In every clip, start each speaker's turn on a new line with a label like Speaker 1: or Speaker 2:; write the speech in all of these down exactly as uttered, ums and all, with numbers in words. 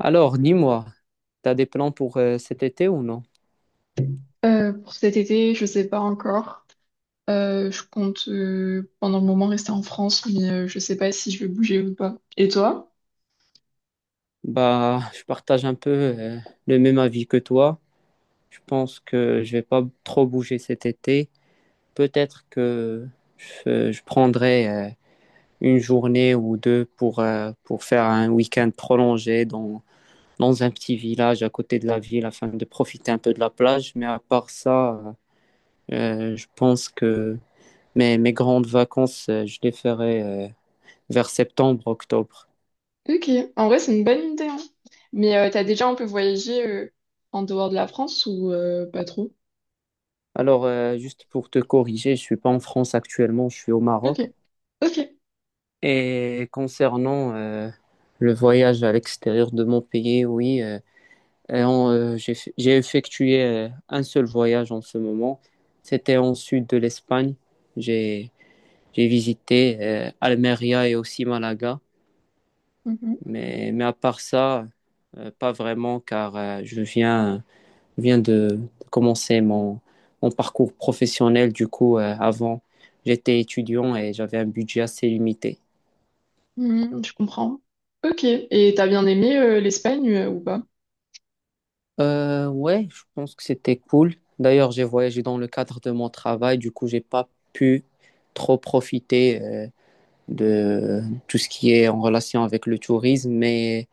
Speaker 1: Alors, dis-moi, t'as des plans pour euh, cet été ou non?
Speaker 2: Euh, pour cet été, je sais pas encore. Euh, je compte euh, pendant le moment rester en France, mais euh, je sais pas si je vais bouger ou pas. Et toi?
Speaker 1: Bah, je partage un peu euh, le même avis que toi. Je pense que je vais pas trop bouger cet été. Peut-être que je, je prendrai euh, une journée ou deux pour, euh, pour faire un week-end prolongé dans, dans un petit village à côté de la ville afin de profiter un peu de la plage. Mais à part ça, euh, euh, je pense que mes, mes grandes vacances, euh, je les ferai euh, vers septembre, octobre.
Speaker 2: Ok, en vrai, c'est une bonne idée, hein. Mais euh, t'as déjà un peu voyagé euh, en dehors de la France ou euh, pas trop?
Speaker 1: Alors, euh, juste pour te corriger, je suis pas en France actuellement, je suis au
Speaker 2: Ok,
Speaker 1: Maroc.
Speaker 2: ok.
Speaker 1: Et concernant euh, le voyage à l'extérieur de mon pays, oui, euh, et en, euh, j'ai, fait- j'ai effectué euh, un seul voyage en ce moment. C'était en sud de l'Espagne. J'ai, j'ai visité euh, Almeria et aussi Malaga.
Speaker 2: Mhm.
Speaker 1: Mais, mais à part ça, euh, pas vraiment, car euh, je viens Je viens de commencer mon, mon parcours professionnel. Du coup, euh, avant, j'étais étudiant et j'avais un budget assez limité.
Speaker 2: Mhm, je comprends. Ok, et t'as bien aimé euh, l'Espagne euh, ou pas?
Speaker 1: Euh, ouais, je pense que c'était cool. D'ailleurs, j'ai voyagé dans le cadre de mon travail. Du coup, j'ai pas pu trop profiter euh, de tout ce qui est en relation avec le tourisme, mais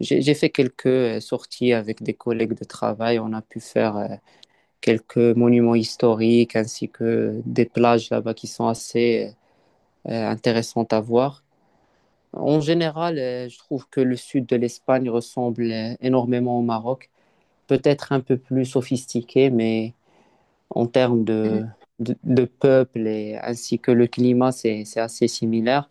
Speaker 1: j'ai j'ai fait quelques euh, sorties avec des collègues de travail. On a pu faire euh, quelques monuments historiques ainsi que des plages là-bas qui sont assez euh, euh, intéressante à voir. En général, euh, je trouve que le sud de l'Espagne ressemble euh, énormément au Maroc, peut-être un peu plus sophistiqué, mais en termes de, de, de peuple et ainsi que le climat, c'est, c'est assez similaire.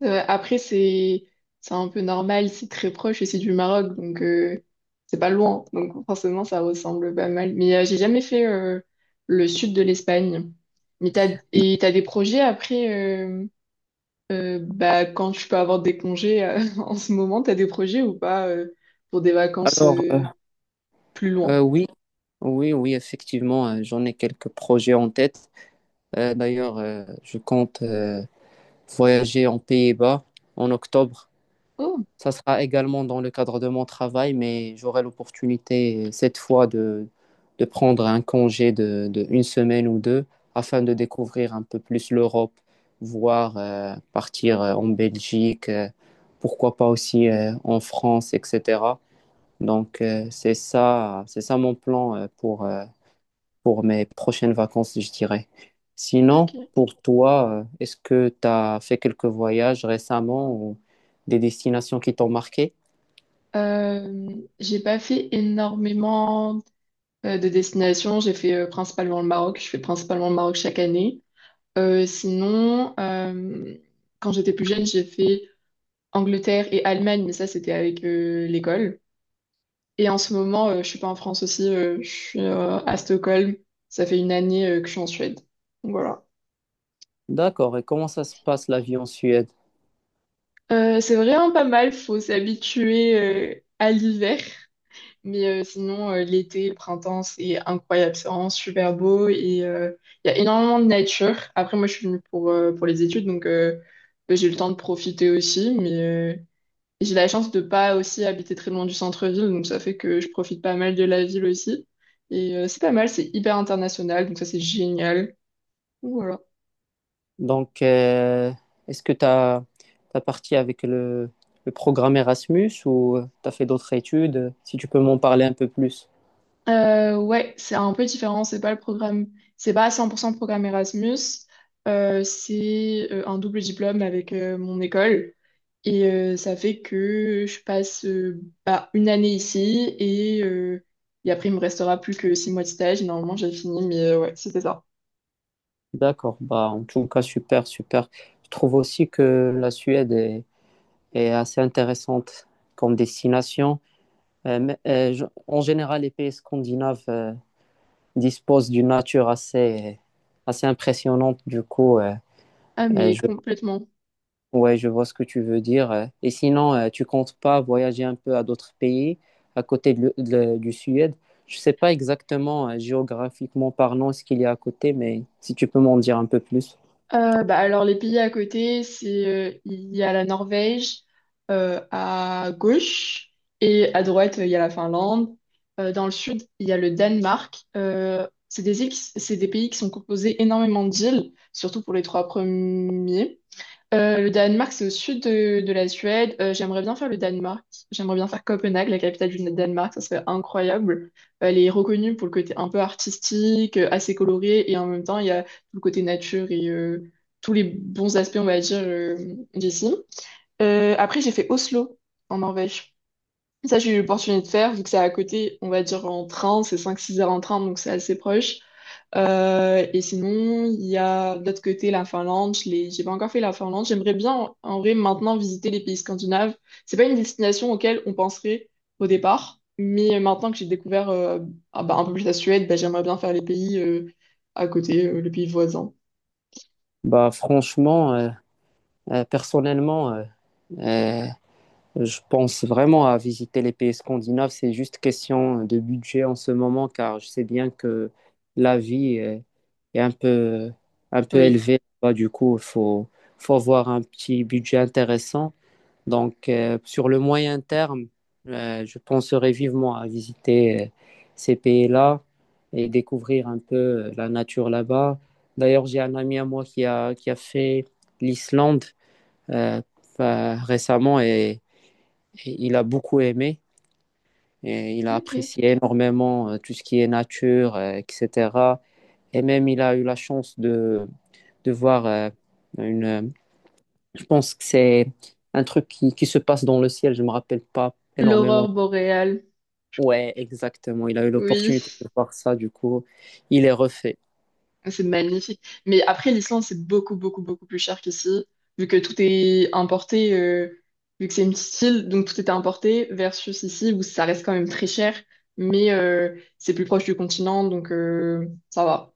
Speaker 2: Ouais, après, c'est c'est un peu normal, c'est très proche et c'est du Maroc, donc euh, c'est pas loin. Donc forcément, ça ressemble pas mal. Mais euh, j'ai jamais fait euh, le sud de l'Espagne. Mais t'as, et t'as des projets après, euh, euh, bah, quand tu peux avoir des congés euh, en ce moment, t'as des projets ou pas euh, pour des vacances
Speaker 1: Alors, euh,
Speaker 2: euh, plus
Speaker 1: euh,
Speaker 2: loin?
Speaker 1: oui, oui, oui, effectivement, euh, j'en ai quelques projets en tête. Euh, d'ailleurs, euh, je compte euh, voyager en Pays-Bas en octobre.
Speaker 2: Oh,
Speaker 1: Ça sera également dans le cadre de mon travail, mais j'aurai l'opportunité euh, cette fois de, de prendre un congé de, de une semaine ou deux afin de découvrir un peu plus l'Europe, voire euh, partir euh, en Belgique, euh, pourquoi pas aussi euh, en France, et cetera. Donc euh, c'est ça, c'est ça mon plan euh, pour, euh, pour mes prochaines vacances, je dirais. Sinon,
Speaker 2: ok.
Speaker 1: pour toi, euh, est-ce que tu as fait quelques voyages récemment ou des destinations qui t'ont marqué?
Speaker 2: Euh, j'ai pas fait énormément euh, de destinations. J'ai fait euh, principalement le Maroc. Je fais principalement le Maroc chaque année. Euh, sinon, euh, quand j'étais plus jeune, j'ai fait Angleterre et Allemagne, mais ça, c'était avec euh, l'école. Et en ce moment, euh, je suis pas en France aussi, euh, je suis euh, à Stockholm. Ça fait une année euh, que je suis en Suède. Donc voilà.
Speaker 1: D'accord. Et comment ça se passe la vie en Suède?
Speaker 2: Euh, c'est vraiment pas mal, faut s'habituer euh, à l'hiver. Mais euh, sinon, euh, l'été, le printemps, c'est incroyable, c'est vraiment super beau et euh, il y a énormément de nature. Après, moi, je suis venue pour, euh, pour les études, donc euh, j'ai eu le temps de profiter aussi, mais... euh, j'ai la chance de pas aussi habiter très loin du centre-ville, donc ça fait que je profite pas mal de la ville aussi. Et euh, c'est pas mal, c'est hyper international, donc ça c'est génial. Donc voilà.
Speaker 1: Donc, euh, est-ce que tu as, parti avec le, le programme Erasmus ou tu as fait d'autres études? Si tu peux m'en parler un peu plus.
Speaker 2: Euh, ouais, c'est un peu différent, c'est pas le programme, c'est pas à cent pour cent programme Erasmus, euh, c'est euh, un double diplôme avec euh, mon école. Et euh, ça fait que je passe euh, bah, une année ici et, euh, et après il me restera plus que six mois de stage. Et normalement j'ai fini, mais euh, ouais, c'était ça.
Speaker 1: D'accord. Bah, en tout cas, super, super. Je trouve aussi que la Suède est, est assez intéressante comme destination. Euh, mais, euh, je- en général, les pays scandinaves euh, disposent d'une nature assez, assez impressionnante. Du coup, euh,
Speaker 2: Ah,
Speaker 1: euh,
Speaker 2: mais
Speaker 1: je
Speaker 2: complètement.
Speaker 1: Ouais, je vois ce que tu veux dire. euh. Et sinon, euh, tu comptes pas voyager un peu à d'autres pays à côté de le- de- du Suède? Je sais pas exactement, euh, géographiquement parlant, ce qu'il y a à côté, mais si tu peux m'en dire un peu plus.
Speaker 2: Euh, bah alors les pays à côté, c'est euh, il y a la Norvège euh, à gauche et à droite euh, il y a la Finlande. Euh, dans le sud il y a le Danemark. Euh, c'est des îles qui- c'est des pays qui sont composés énormément d'îles, surtout pour les trois premiers. Euh, le Danemark, c'est au sud de, de la Suède. Euh, j'aimerais bien faire le Danemark. J'aimerais bien faire Copenhague, la capitale du Danemark. Ça serait incroyable. Elle est reconnue pour le côté un peu artistique, euh, assez coloré, et en même temps, il y a tout le côté nature et euh, tous les bons aspects, on va dire, euh, d'ici. Euh, après, j'ai fait Oslo, en Norvège. Ça, j'ai eu l'opportunité de faire, vu que c'est à côté, on va dire, en train. C'est cinq-six heures en train, donc c'est assez proche. Euh, et sinon, il y a de l'autre côté la Finlande. Je l'ai, j'ai pas encore fait la Finlande. J'aimerais bien en, en vrai maintenant visiter les pays scandinaves. C'est pas une destination auquel on penserait au départ, mais maintenant que j'ai découvert euh, ah bah, un peu plus la Suède, bah, j'aimerais bien faire les pays euh, à côté, euh, les pays voisins.
Speaker 1: Bah, franchement, euh, euh, personnellement, euh, euh, Je pense vraiment à visiter les pays scandinaves. C'est juste question de budget en ce moment, car je sais bien que la vie est, est un peu, un peu
Speaker 2: Oui.
Speaker 1: élevée. Bah, du coup, il faut, faut avoir un petit budget intéressant. Donc, euh, sur le moyen terme, euh, je penserai vivement à visiter euh, ces pays-là et découvrir un peu euh, la nature là-bas. D'ailleurs, j'ai un ami à moi qui a, qui a fait l'Islande euh, bah, récemment et et il a beaucoup aimé. Et il a
Speaker 2: Ok.
Speaker 1: apprécié énormément euh, tout ce qui est nature, euh, et cetera. Et même, il a eu la chance de, de voir euh, une. Euh, je pense que c'est un truc qui, qui se passe dans le ciel. Je ne me rappelle pas énormément.
Speaker 2: L'aurore boréale.
Speaker 1: Ouais, exactement. Il a eu
Speaker 2: Oui,
Speaker 1: l'opportunité de voir ça. Du coup, il est refait.
Speaker 2: ah, c'est magnifique. Mais après, l'Islande, c'est beaucoup, beaucoup, beaucoup plus cher qu'ici, vu que tout est importé, euh, vu que c'est une petite île, donc tout est importé, versus ici, où ça reste quand même très cher, mais euh, c'est plus proche du continent, donc euh, ça va.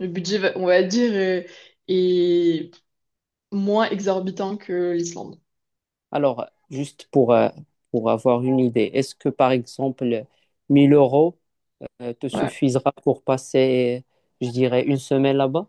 Speaker 2: Le budget, va- on va dire, euh, est moins exorbitant que l'Islande.
Speaker 1: Alors, juste pour, euh, pour avoir une idée, est-ce que par exemple, mille euros euh, te
Speaker 2: Ouais.
Speaker 1: suffisera pour passer, je dirais, une semaine là-bas?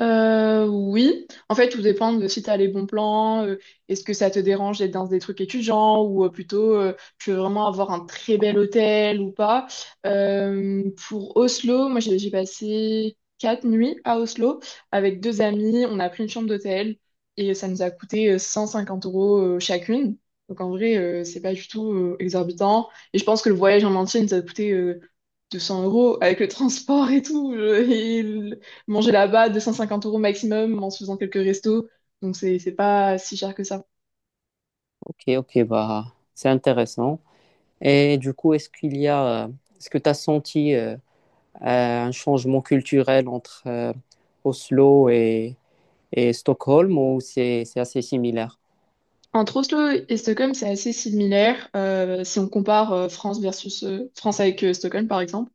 Speaker 2: Euh, oui, en fait, tout dépend de si tu as les bons plans, euh, est-ce que ça te dérange d'être dans des trucs étudiants ou euh, plutôt euh, tu veux vraiment avoir un très bel hôtel ou pas. Euh, pour Oslo, moi j'ai j'ai passé quatre nuits à Oslo avec deux amis, on a pris une chambre d'hôtel et ça nous a coûté euh, cent cinquante euros euh, chacune. Donc en vrai, euh, c'est pas du tout euh, exorbitant et je pense que le voyage en entier nous a coûté euh, deux cents euros avec le transport et tout. euh, et manger là-bas deux cent cinquante euros maximum en se faisant quelques restos. Donc c'est c'est pas si cher que ça.
Speaker 1: Ok, ok, bah, c'est intéressant. Et du coup, est-ce qu'il y a, euh, est-ce que tu as senti euh, euh, un changement culturel entre euh, Oslo et, et Stockholm ou c'est, c'est assez similaire?
Speaker 2: Entre Oslo et Stockholm, c'est assez similaire euh, si on compare euh, France versus euh, France avec euh, Stockholm par exemple.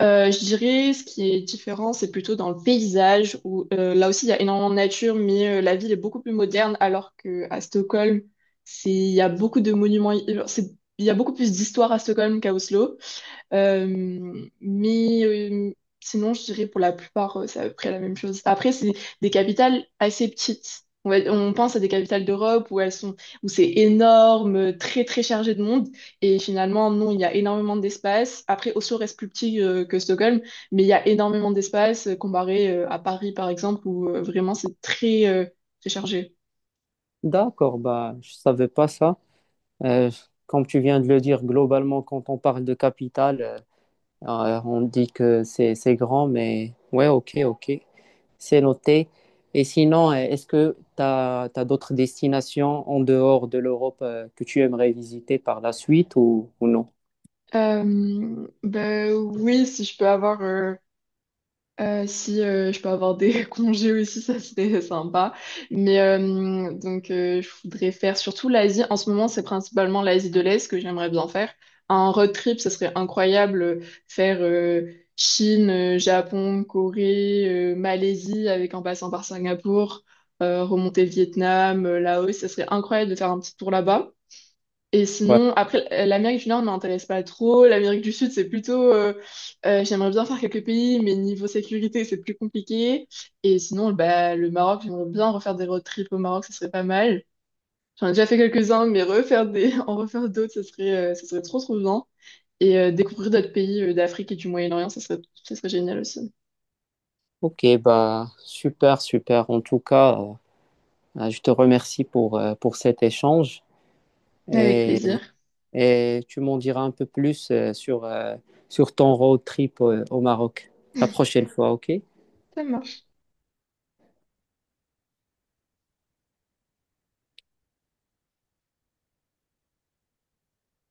Speaker 2: Euh, je dirais ce qui est différent, c'est plutôt dans le paysage où euh, là aussi il y a énormément de nature, mais euh, la ville est beaucoup plus moderne alors que à Stockholm, c'est il y a beaucoup de monuments, euh, c'est il y a beaucoup plus d'histoire à Stockholm qu'à Oslo. Euh, mais euh, sinon, je dirais pour la plupart, euh, c'est à peu près la même chose. Après, c'est des capitales assez petites. On, va- on pense à des capitales d'Europe où elles sont, où c'est énorme, euh, très très chargé de monde. Et finalement, non, il y a énormément d'espace. Après, Oslo reste plus petit euh, que Stockholm, mais il y a énormément d'espace euh, comparé euh, à Paris, par exemple, où euh, vraiment c'est très, euh, très chargé.
Speaker 1: D'accord, bah, je savais pas ça. Euh, Comme tu viens de le dire, globalement, quand on parle de capitale, euh, euh, on dit que c'est, c'est grand, mais ouais, ok, ok. C'est noté. Et sinon, euh, est-ce que tu as, d'autres destinations en dehors de l'Europe euh, que tu aimerais visiter par la suite ou, ou non?
Speaker 2: Euh, ben oui, si je peux avoir euh, Euh, si euh, je peux avoir des congés aussi, ça serait sympa. Mais euh, donc, euh, je voudrais faire surtout l'Asie. En ce moment, c'est principalement l'Asie de l'Est que j'aimerais bien faire. Un road trip, ça serait incroyable. euh, Faire euh, Chine, euh, Japon, Corée, euh, Malaisie, avec en passant par Singapour, euh, remonter Vietnam, euh, Laos, ça serait incroyable de faire un petit tour là-bas. Et
Speaker 1: Ouais.
Speaker 2: sinon, après, euh, l'Amérique du Nord m'intéresse pas trop. L'Amérique du Sud, c'est plutôt, euh, euh, j'aimerais bien faire quelques pays, mais niveau sécurité, c'est plus compliqué. Et sinon, bah, le Maroc, j'aimerais bien refaire des road trips au Maroc, ce serait pas mal. J'en ai déjà fait quelques-uns, mais refaire des, en refaire d'autres, ce serait, euh, ce serait trop, trop bien. Et euh, découvrir d'autres pays euh, d'Afrique et du Moyen-Orient, ce serait, ce serait génial aussi.
Speaker 1: Ok, bah super, super. En tout cas, euh, bah, je te remercie pour, euh, pour cet échange
Speaker 2: Avec
Speaker 1: et,
Speaker 2: plaisir.
Speaker 1: et tu m'en diras un peu plus euh, sur, euh, sur ton road trip euh, au Maroc la prochaine fois, ok?
Speaker 2: Ça marche.